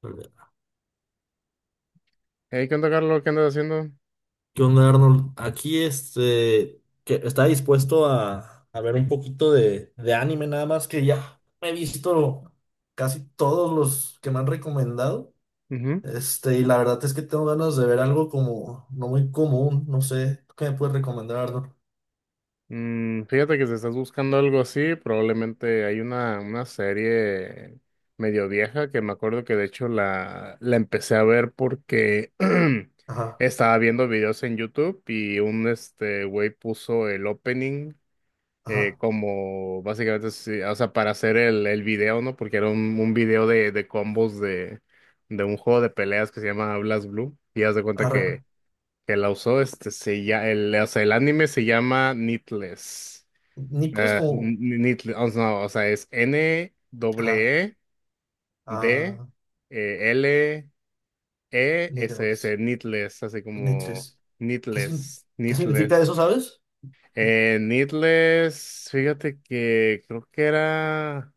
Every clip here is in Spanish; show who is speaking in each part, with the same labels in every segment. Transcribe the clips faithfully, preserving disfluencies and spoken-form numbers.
Speaker 1: ¿Qué
Speaker 2: Hey, ¿qué onda, Carlos? ¿Qué andas haciendo?
Speaker 1: onda, Arnold? Aquí este, que está dispuesto a, a ver un poquito de, de anime, nada más que ya he visto casi todos los que me han recomendado.
Speaker 2: Ujú.
Speaker 1: Este, y la verdad es que tengo ganas de ver algo como no muy común, no sé. ¿Tú ¿Qué me puedes recomendar, Arnold?
Speaker 2: Mm, fíjate que si estás buscando algo así, probablemente hay una, una serie medio vieja que me acuerdo que de hecho la, la empecé a ver porque
Speaker 1: Ajá,
Speaker 2: estaba viendo videos en YouTube y un este güey puso el opening eh,
Speaker 1: ajá,
Speaker 2: como básicamente, sí, o sea, para hacer el, el video, ¿no? Porque era un, un video de, de combos de, de un juego de peleas que se llama Blast Blue y haz de cuenta
Speaker 1: arre, arre.
Speaker 2: que que la usó, este, se ya, el, o sea, el anime se llama Needless.
Speaker 1: Nipples
Speaker 2: Eh,
Speaker 1: como,
Speaker 2: Needless, o sea, no, o sea, es N W
Speaker 1: ajá,
Speaker 2: E D
Speaker 1: ah,
Speaker 2: eh, L E S S,
Speaker 1: needles,
Speaker 2: Needless, así como
Speaker 1: nipples. ¿Qué, sin-
Speaker 2: Needless,
Speaker 1: ¿Qué significa
Speaker 2: Needless.
Speaker 1: eso, sabes?
Speaker 2: Eh, Needless, fíjate que creo que era.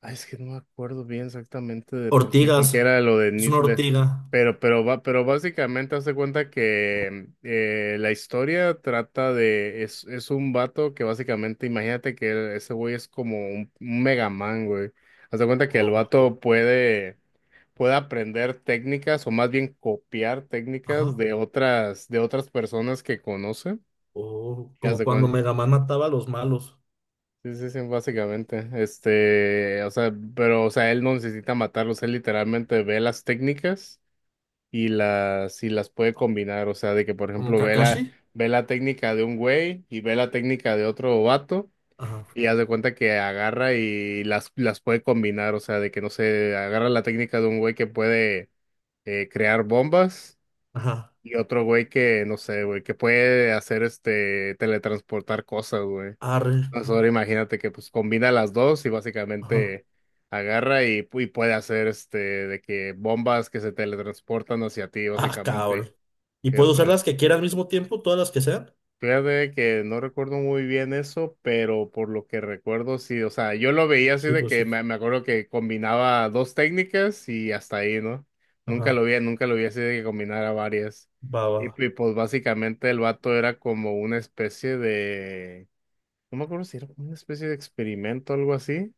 Speaker 2: Ay, es que no me acuerdo bien exactamente de por qué, porque
Speaker 1: Ortigas,
Speaker 2: era lo de
Speaker 1: es una
Speaker 2: Nitler.
Speaker 1: ortiga.
Speaker 2: Pero, pero va, pero básicamente hace cuenta que eh, la historia trata de, es, es un vato que básicamente, imagínate que ese güey es como un, un Mega Man, güey. Haz de cuenta que el vato puede, puede aprender técnicas, o más bien copiar técnicas
Speaker 1: Ajá.
Speaker 2: de otras, de otras personas que conoce.
Speaker 1: O
Speaker 2: Y haz
Speaker 1: como
Speaker 2: de
Speaker 1: cuando
Speaker 2: cuen-
Speaker 1: Mega Man mataba a los malos.
Speaker 2: Sí, sí, sí, básicamente. Este, o sea, pero, o sea, él no necesita matarlos, él literalmente ve las técnicas y las, y las puede combinar. O sea, de que, por
Speaker 1: ¿Como
Speaker 2: ejemplo, ve
Speaker 1: Kakashi?
Speaker 2: la, ve la técnica de un güey y ve la técnica de otro vato
Speaker 1: Ajá.
Speaker 2: y haz de cuenta que agarra y las, las puede combinar. O sea, de que, no sé, agarra la técnica de un güey que puede eh, crear bombas
Speaker 1: Ajá.
Speaker 2: y otro güey que, no sé, güey, que puede hacer, este, teletransportar cosas, güey.
Speaker 1: Arre.
Speaker 2: Pues ahora imagínate que pues combina las dos y
Speaker 1: Ajá.
Speaker 2: básicamente agarra y, pu- y puede hacer este de que bombas que se teletransportan hacia ti,
Speaker 1: Ah,
Speaker 2: básicamente.
Speaker 1: cabrón. ¿Y
Speaker 2: Que, o
Speaker 1: puedo usar
Speaker 2: sea,
Speaker 1: las que quiera al mismo tiempo? ¿Todas las que sean?
Speaker 2: fíjate que no recuerdo muy bien eso, pero por lo que recuerdo sí, o sea, yo lo veía así
Speaker 1: Sí,
Speaker 2: de
Speaker 1: pues
Speaker 2: que
Speaker 1: sí.
Speaker 2: me, me acuerdo que combinaba dos técnicas y hasta ahí, ¿no? Nunca
Speaker 1: Ajá.
Speaker 2: lo vi, nunca lo vi así de que combinara varias.
Speaker 1: Va, va.
Speaker 2: Y, y pues básicamente el vato era como una especie de, no me acuerdo si era una especie de experimento o algo así.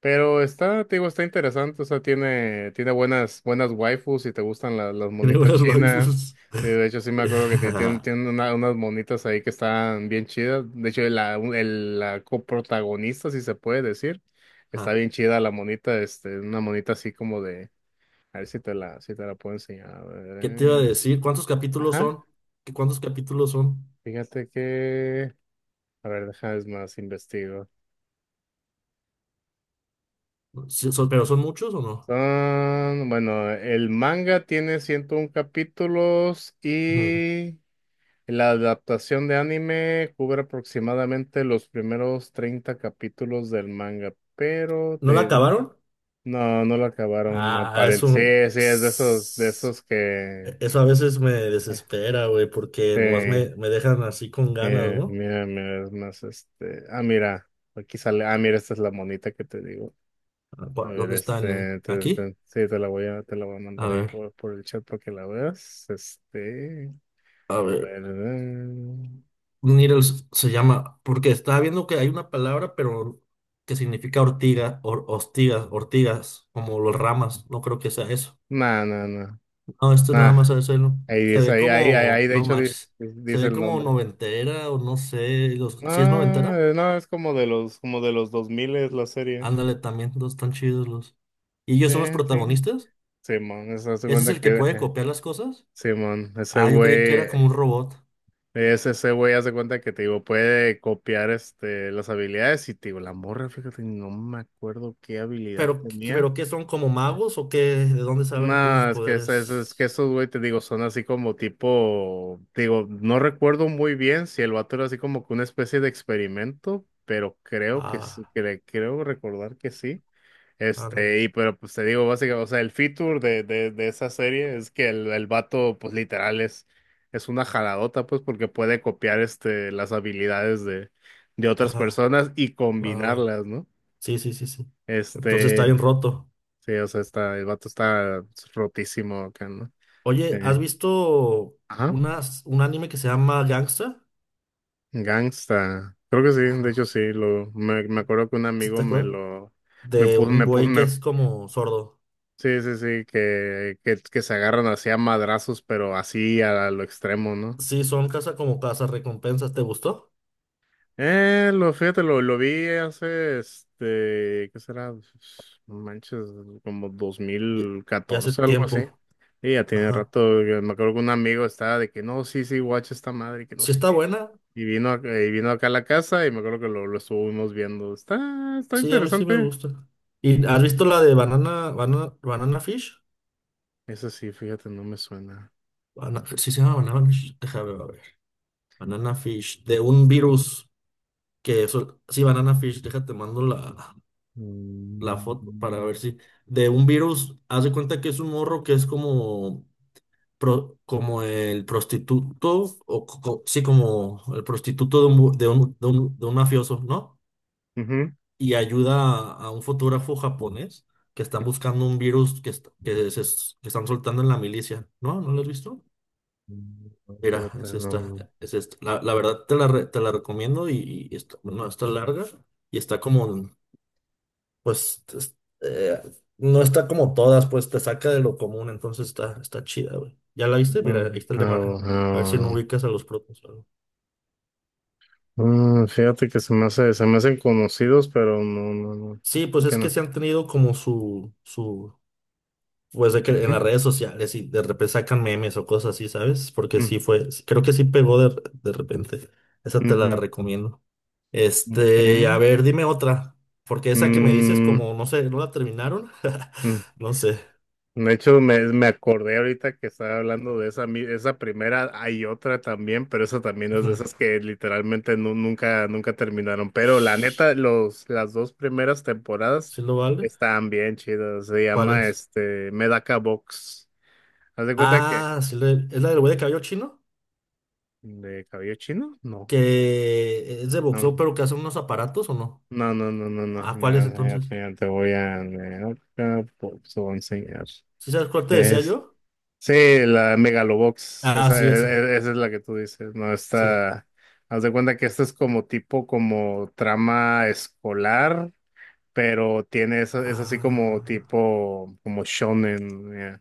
Speaker 2: Pero está, te digo, está interesante, o sea, tiene, tiene buenas, buenas waifus y te gustan la- las
Speaker 1: Tiene
Speaker 2: monitas
Speaker 1: buenas
Speaker 2: chinas.
Speaker 1: waifus.
Speaker 2: Eh, De hecho, sí me acuerdo que tienen, tienen una- unas monitas ahí que están bien chidas. De hecho, la, el- la coprotagonista, si se puede decir, está
Speaker 1: Ajá.
Speaker 2: bien chida la monita, este, una monita así como de, a ver si te la, si te la puedo enseñar. a ver,
Speaker 1: ¿Qué te iba a
Speaker 2: eh.
Speaker 1: decir? ¿Cuántos capítulos
Speaker 2: Ajá,
Speaker 1: son? ¿Qué cuántos capítulos son?
Speaker 2: fíjate que, a ver, deja, es más, investigo.
Speaker 1: Sí, son- ¿Pero son muchos o no?
Speaker 2: Son, bueno, el manga tiene ciento un capítulos
Speaker 1: Ujú.
Speaker 2: y la adaptación de anime cubre aproximadamente los primeros treinta capítulos del manga, pero
Speaker 1: ¿No la
Speaker 2: te,
Speaker 1: acabaron?
Speaker 2: no, no lo acabaron.
Speaker 1: Ah, es un.
Speaker 2: Aparece, sí, sí, es de esos, de esos que,
Speaker 1: Eso a veces me desespera, güey, porque nomás
Speaker 2: eh,
Speaker 1: me, me dejan así con ganas,
Speaker 2: eh,
Speaker 1: ¿no?
Speaker 2: mira, mira, es más, este, ah, mira, aquí sale, ah, mira, esta es la monita que te digo.
Speaker 1: Ah,
Speaker 2: A
Speaker 1: pa-
Speaker 2: ver,
Speaker 1: ¿Dónde están? ¿Eh?
Speaker 2: este, te,
Speaker 1: ¿Aquí?
Speaker 2: te- sí, te la voy a, te la voy a
Speaker 1: A
Speaker 2: mandar ahí
Speaker 1: ver,
Speaker 2: por, por el chat para que la veas. Este,
Speaker 1: a
Speaker 2: a
Speaker 1: ver.
Speaker 2: ver, eh,
Speaker 1: Needles se llama, porque estaba viendo que hay una palabra, pero que significa ortiga, or, hostigas, ortigas, como los ramas. No creo que sea eso.
Speaker 2: no, no, no,
Speaker 1: No, esto es nada
Speaker 2: nah,
Speaker 1: más a decirlo.
Speaker 2: ahí
Speaker 1: Se
Speaker 2: dice,
Speaker 1: ve
Speaker 2: ahí, ahí, ahí,
Speaker 1: como,
Speaker 2: ahí, de
Speaker 1: no
Speaker 2: hecho di-
Speaker 1: manches, se
Speaker 2: dice,
Speaker 1: ve
Speaker 2: el
Speaker 1: como
Speaker 2: nombre.
Speaker 1: noventera o no sé. Los, si es
Speaker 2: Ah,
Speaker 1: noventera,
Speaker 2: eh, no, es como de los, como de los dos mil es la serie.
Speaker 1: ándale también, los están chidos los. ¿Y
Speaker 2: Sí,
Speaker 1: ellos son los
Speaker 2: sí,
Speaker 1: protagonistas?
Speaker 2: Simón, eso hace
Speaker 1: ¿Ese es
Speaker 2: cuenta
Speaker 1: el que
Speaker 2: que,
Speaker 1: puede
Speaker 2: eh,
Speaker 1: copiar las cosas?
Speaker 2: Simón, ese
Speaker 1: Ah, yo creí que era
Speaker 2: güey,
Speaker 1: como un robot.
Speaker 2: es ese güey hace cuenta que, te digo, puede copiar, este, las habilidades y, te digo, la morra, fíjate, no me acuerdo qué habilidad
Speaker 1: Pero, ¿qué-
Speaker 2: tenía.
Speaker 1: pero ¿qué son como magos o qué? ¿De dónde salen sus
Speaker 2: No, es que, es, es- es que
Speaker 1: poderes?
Speaker 2: esos, güey, te digo, son así como tipo, digo, no recuerdo muy bien si el vato era así como que una especie de experimento, pero creo que sí,
Speaker 1: Ah,
Speaker 2: cre- creo recordar que sí.
Speaker 1: ándale.
Speaker 2: Este, y pero pues te digo, básicamente, o sea, el feature de, de, de esa serie es que el, el vato, pues literal, es, es una jaladota, pues, porque puede copiar este, las habilidades de, de otras
Speaker 1: Ajá,
Speaker 2: personas y
Speaker 1: va, va.
Speaker 2: combinarlas, ¿no?
Speaker 1: Sí, sí, sí, sí. Entonces está
Speaker 2: Este,
Speaker 1: bien roto.
Speaker 2: sí, o sea, está, el vato está rotísimo acá, ¿no?
Speaker 1: Oye, ¿has
Speaker 2: Eh,
Speaker 1: visto
Speaker 2: ajá,
Speaker 1: unas, un anime que se llama Gangsta?
Speaker 2: Gangsta. Creo que sí, de hecho
Speaker 1: Ah,
Speaker 2: sí, lo, me, me acuerdo que un
Speaker 1: ¿sí
Speaker 2: amigo
Speaker 1: te
Speaker 2: me
Speaker 1: acuerdas?
Speaker 2: lo, me
Speaker 1: De
Speaker 2: puso,
Speaker 1: un
Speaker 2: me puso,
Speaker 1: güey que
Speaker 2: me,
Speaker 1: es como sordo.
Speaker 2: sí, sí, sí, que, que, que se agarran así a madrazos, pero así a, lo extremo, ¿no?
Speaker 1: Sí, son casa como casa recompensas. ¿Te gustó?
Speaker 2: Eh, lo, fíjate, lo, lo vi hace, este, ¿qué será? No manches, como dos
Speaker 1: Ya,
Speaker 2: mil
Speaker 1: ya hace
Speaker 2: catorce algo así.
Speaker 1: tiempo.
Speaker 2: Y ya tiene
Speaker 1: Ajá.
Speaker 2: rato, yo me acuerdo que un amigo estaba de que, no, sí, sí, watch esta madre, que no
Speaker 1: Sí
Speaker 2: sé
Speaker 1: está
Speaker 2: qué.
Speaker 1: buena.
Speaker 2: Y vino, ac- eh, y vino acá a la casa y me acuerdo que lo, lo estuvimos viendo. Está, está
Speaker 1: Sí, a mí sí me
Speaker 2: interesante.
Speaker 1: gusta. ¿Y has visto la de Banana, Banana, Banana Fish?
Speaker 2: Eso sí, fíjate, no me suena.
Speaker 1: Bana- sí, se llama Banana Fish. Déjame ver. Banana Fish, de un virus que eso. Sí, Banana Fish, déjate, mando la, la foto para
Speaker 2: Mm,
Speaker 1: ver si. De un virus, haz de cuenta que es un morro que es como, pro- como el prostituto, o co- co- sí, como el prostituto de un, bu- de un, de un, de un mafioso, ¿no?
Speaker 2: ujú.
Speaker 1: Y ayuda a, a un fotógrafo japonés que están buscando un virus que, est- que, se es- que están soltando en la milicia. ¿No? ¿No lo has visto?
Speaker 2: Mm,
Speaker 1: Mira,
Speaker 2: Fíjate,
Speaker 1: es
Speaker 2: no,
Speaker 1: esta,
Speaker 2: no.
Speaker 1: es esta. La, la verdad te la, re- te la recomiendo y, y está, no está larga y está como, pues, es- eh, no está como todas, pues te saca de lo común, entonces está, está chida, güey. ¿Ya la viste? Mira,
Speaker 2: No,
Speaker 1: ahí está la
Speaker 2: no,
Speaker 1: imagen. A ver
Speaker 2: no,
Speaker 1: si no
Speaker 2: no. Ah,
Speaker 1: ubicas a los propios.
Speaker 2: bueno. Mm, fíjate que se me hace, se me hacen conocidos, pero no, no, no.
Speaker 1: Sí, pues
Speaker 2: Creo que
Speaker 1: es que
Speaker 2: no.
Speaker 1: se han tenido como su, su, pues de que en
Speaker 2: Ujú,
Speaker 1: las redes sociales y de repente sacan memes o cosas así, ¿sabes? Porque sí fue, creo que sí pegó de, de repente. Esa te la
Speaker 2: ujú,
Speaker 1: recomiendo.
Speaker 2: ujú.
Speaker 1: Este, a
Speaker 2: Ok.
Speaker 1: ver, dime otra. Porque esa que me dices, como no sé, ¿no la terminaron?
Speaker 2: Mm,
Speaker 1: No sé.
Speaker 2: De hecho, me, me acordé ahorita que estaba hablando de esa, mi- esa primera, hay otra también, pero esa también es de
Speaker 1: Ujú.
Speaker 2: esas que literalmente nu- nunca, nunca terminaron. Pero la
Speaker 1: ¿Sí
Speaker 2: neta, los, las dos primeras temporadas
Speaker 1: lo vale?
Speaker 2: estaban bien chidas. Se
Speaker 1: ¿Cuál
Speaker 2: llama
Speaker 1: es?
Speaker 2: este Medaka Box. ¿Haz de cuenta que?
Speaker 1: Ah, sí le- es la del güey de cabello chino.
Speaker 2: ¿De cabello chino? No.
Speaker 1: Que es de boxeo, pero que hace unos aparatos o no.
Speaker 2: No, no, no, no, no. No.
Speaker 1: Ah, ¿cuál es
Speaker 2: Mira, mira,
Speaker 1: entonces?
Speaker 2: mira, te voy a Medaka Box, te voy a enseñar.
Speaker 1: ¿Sí sabes cuál te decía yo?
Speaker 2: Sí, la Megalobox,
Speaker 1: Ah,
Speaker 2: esa, e-
Speaker 1: sí, esa.
Speaker 2: e- esa es la que tú dices, ¿no?
Speaker 1: Sí.
Speaker 2: Esta, haz de cuenta que esta es como tipo, como trama escolar, pero tiene, esa- es, así como
Speaker 1: Ah,
Speaker 2: tipo, como shonen, ya.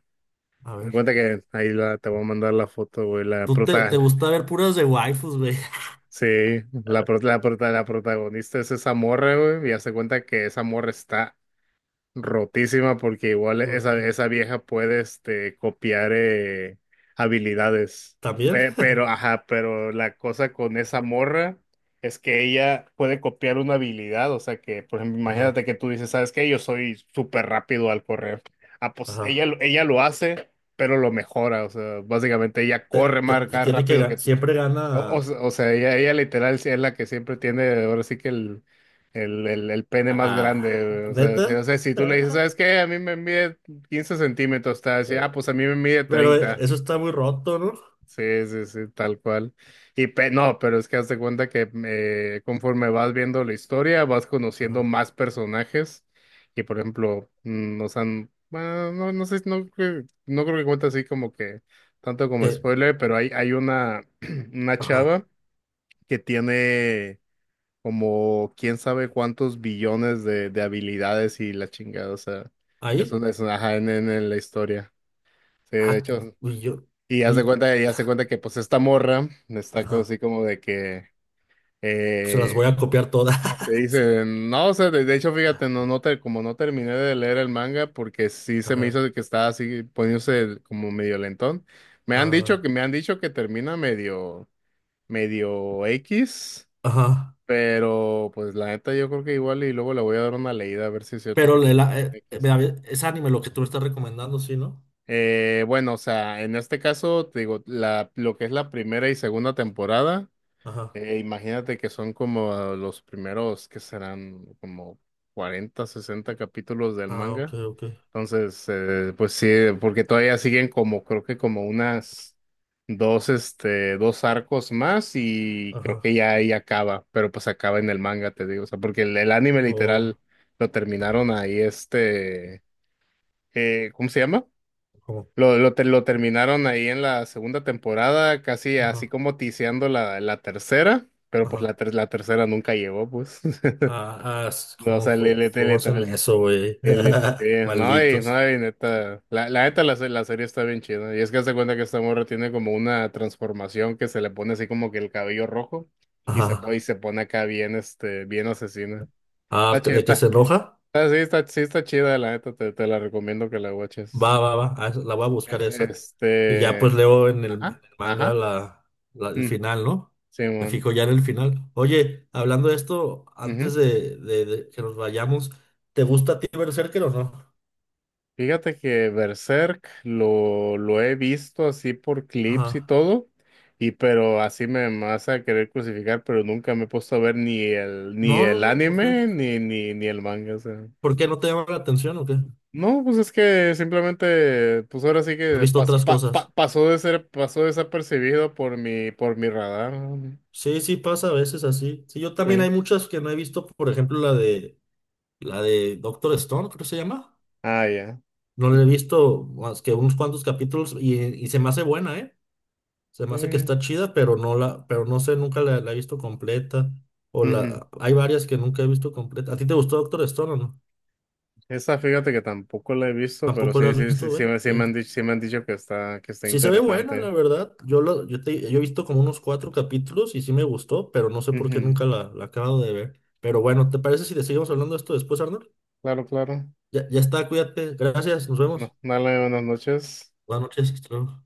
Speaker 1: a
Speaker 2: Haz de
Speaker 1: ver.
Speaker 2: cuenta que ahí la, te voy a mandar la foto, güey, la
Speaker 1: Tú te,
Speaker 2: prota,
Speaker 1: te gusta ver puras de waifus, güey.
Speaker 2: sí, la, pro- la, prota- la protagonista es esa morra, güey, y haz de cuenta que esa morra está rotísima porque igual esa,
Speaker 1: Porque
Speaker 2: esa vieja puede este, copiar eh, habilidades.
Speaker 1: también,
Speaker 2: Pe- pero, ajá, pero la cosa con esa morra es que ella puede copiar una habilidad. O sea que, por ejemplo, imagínate
Speaker 1: ajá,
Speaker 2: que tú dices, ¿sabes qué? Yo soy súper rápido al correr. Ah, pues
Speaker 1: ajá.
Speaker 2: ella, lo- ella lo hace, pero lo mejora. O sea, básicamente ella
Speaker 1: Te,
Speaker 2: corre
Speaker 1: te-
Speaker 2: más
Speaker 1: te
Speaker 2: más
Speaker 1: tiene que
Speaker 2: rápido que
Speaker 1: ganar,
Speaker 2: tú.
Speaker 1: siempre
Speaker 2: O,
Speaker 1: gana
Speaker 2: o- o sea, ella, ella literal sí es la que siempre tiene, ahora sí que el, el, el, el pene
Speaker 1: a,
Speaker 2: más
Speaker 1: a-
Speaker 2: grande. O sea,
Speaker 1: neta.
Speaker 2: si, o sea, si tú le dices, ¿sabes qué? A mí me mide quince centímetros, está así, ah, pues a mí me mide
Speaker 1: Pero
Speaker 2: treinta.
Speaker 1: eso está muy roto, ¿no?
Speaker 2: Sí, sí, sí, tal cual. Y pe- no, pero es que haz de cuenta que eh, conforme vas viendo la historia, vas conociendo
Speaker 1: Ajá.
Speaker 2: más personajes. Y por ejemplo, mm, o sea, bueno, no, no sé, no, creo- no creo que cuente así como que tanto como
Speaker 1: ¿Qué?
Speaker 2: spoiler, pero hay, hay una, una chava
Speaker 1: Ajá.
Speaker 2: que tiene como quién sabe cuántos billones de, de habilidades y la chingada, o sea, es
Speaker 1: ¿Ahí?
Speaker 2: una, es una ajá, en, en- en la historia. Sí, de
Speaker 1: Ah,
Speaker 2: hecho,
Speaker 1: uy, yo.
Speaker 2: y haz de
Speaker 1: Uy,
Speaker 2: cuenta, y haz de cuenta que pues esta morra está como
Speaker 1: ajá.
Speaker 2: así como de que,
Speaker 1: Pues se las
Speaker 2: eh,
Speaker 1: voy a copiar todas.
Speaker 2: ¿cómo se dice? No, o sea, de, de hecho, fíjate, no, no te, como no terminé de leer el manga porque sí se me
Speaker 1: Ajá,
Speaker 2: hizo de que estaba así poniéndose como medio lentón. Me han
Speaker 1: ah,
Speaker 2: dicho que, me han dicho que termina medio, medio X.
Speaker 1: ajá.
Speaker 2: Pero, pues la neta, yo creo que igual y luego le voy a dar una leída a ver si es cierto
Speaker 1: Pero
Speaker 2: que es
Speaker 1: le la- eh, eh,
Speaker 2: X.
Speaker 1: vea, ve- Es anime lo que tú me estás recomendando, ¿sí, no?
Speaker 2: Eh, bueno, o sea, en este caso, te digo, la, lo que es la primera y segunda temporada,
Speaker 1: Ajá.
Speaker 2: eh, imagínate que son como los primeros que serán como cuarenta sesenta capítulos del
Speaker 1: Ah, ok,
Speaker 2: manga.
Speaker 1: ok.
Speaker 2: Entonces, eh, pues sí, eh, porque todavía siguen como, creo que como unas dos, este, dos arcos más y creo que
Speaker 1: Ajá.
Speaker 2: ya ahí acaba, pero pues acaba en el manga, te digo, o sea, porque el, el anime
Speaker 1: Oh,
Speaker 2: literal lo terminaron ahí, este, eh, ¿cómo se llama?
Speaker 1: ¿cómo?
Speaker 2: Lo, lo, te- lo terminaron ahí en la segunda temporada, casi así
Speaker 1: Ajá.
Speaker 2: como tiseando la, la tercera, pero pues
Speaker 1: Ajá.
Speaker 2: la, ter- la tercera nunca llegó, pues.
Speaker 1: Ah, ah, s-
Speaker 2: No, o
Speaker 1: ¿Cómo,
Speaker 2: sea, le,
Speaker 1: jo-
Speaker 2: le- le-
Speaker 1: cómo hacen
Speaker 2: literal,
Speaker 1: eso, güey?
Speaker 2: el, sí, no, y,
Speaker 1: Malditos.
Speaker 2: no, y neta, la, la neta la, se- la serie está bien chida, y es que hace cuenta que esta morra tiene como una transformación que se le pone así como que el cabello rojo, y se, po- y
Speaker 1: Ajá.
Speaker 2: se pone acá bien, este, bien asesina, está
Speaker 1: Ah,
Speaker 2: chida,
Speaker 1: de que se
Speaker 2: está,
Speaker 1: enoja.
Speaker 2: está- sí, está, sí está chida, la neta, te, te la recomiendo que la watches,
Speaker 1: Va, va, va. Ah, esa- la voy a buscar
Speaker 2: Es-
Speaker 1: esa. Y ya pues
Speaker 2: este,
Speaker 1: leo en el, en el
Speaker 2: ajá,
Speaker 1: manga
Speaker 2: ajá,
Speaker 1: la, la- el
Speaker 2: mm,
Speaker 1: final, ¿no? Me
Speaker 2: Simón.
Speaker 1: fijo ya en el final. Oye, hablando de esto, antes de, de- de que nos vayamos, ¿te gusta a ti Berserker o no?
Speaker 2: Fíjate que Berserk lo, lo he visto así por clips y
Speaker 1: Ajá.
Speaker 2: todo, y pero así me vas a querer crucificar, pero nunca me he puesto a ver ni el, ni
Speaker 1: No, no,
Speaker 2: el
Speaker 1: no. ¿Por qué?
Speaker 2: anime ni, ni, ni el manga. O sea.
Speaker 1: ¿Por qué no te llama la atención o qué?
Speaker 2: No, pues es que simplemente, pues ahora sí
Speaker 1: ¿Has
Speaker 2: que
Speaker 1: visto
Speaker 2: pas-
Speaker 1: otras
Speaker 2: pa- pa-
Speaker 1: cosas?
Speaker 2: pasó de ser, pasó desapercibido por mi, por mi radar, ¿no?
Speaker 1: Sí, sí pasa a veces así. Sí, yo
Speaker 2: Sí.
Speaker 1: también hay muchas que no he visto, por ejemplo, la de la de Doctor Stone, creo que se llama.
Speaker 2: Ah, ya.
Speaker 1: No la he visto más que unos cuantos capítulos y, y se me hace buena, ¿eh? Se me hace que
Speaker 2: Sí.
Speaker 1: está chida, pero no la, pero no sé, nunca la, la he visto completa. O
Speaker 2: Ujú.
Speaker 1: la, hay varias que nunca he visto completa. ¿A ti te gustó Doctor Stone o no?
Speaker 2: Esa fíjate que tampoco la he visto, pero
Speaker 1: Tampoco la
Speaker 2: sí,
Speaker 1: has
Speaker 2: sí, sí,
Speaker 1: visto,
Speaker 2: sí,
Speaker 1: ¿eh?
Speaker 2: me, sí me
Speaker 1: Eh,
Speaker 2: han dicho, sí me han dicho que está, que está
Speaker 1: Sí se ve buena,
Speaker 2: interesante.
Speaker 1: la verdad. Yo lo, yo te- yo he visto como unos cuatro capítulos y sí me gustó, pero no sé por qué nunca la, la acabo de ver. Pero bueno, ¿te parece si le seguimos hablando de esto después, Arnold?
Speaker 2: Claro, claro.
Speaker 1: Ya, ya está, cuídate. Gracias, nos
Speaker 2: No,
Speaker 1: vemos.
Speaker 2: dale, buenas noches.
Speaker 1: Buenas noches, hasta luego.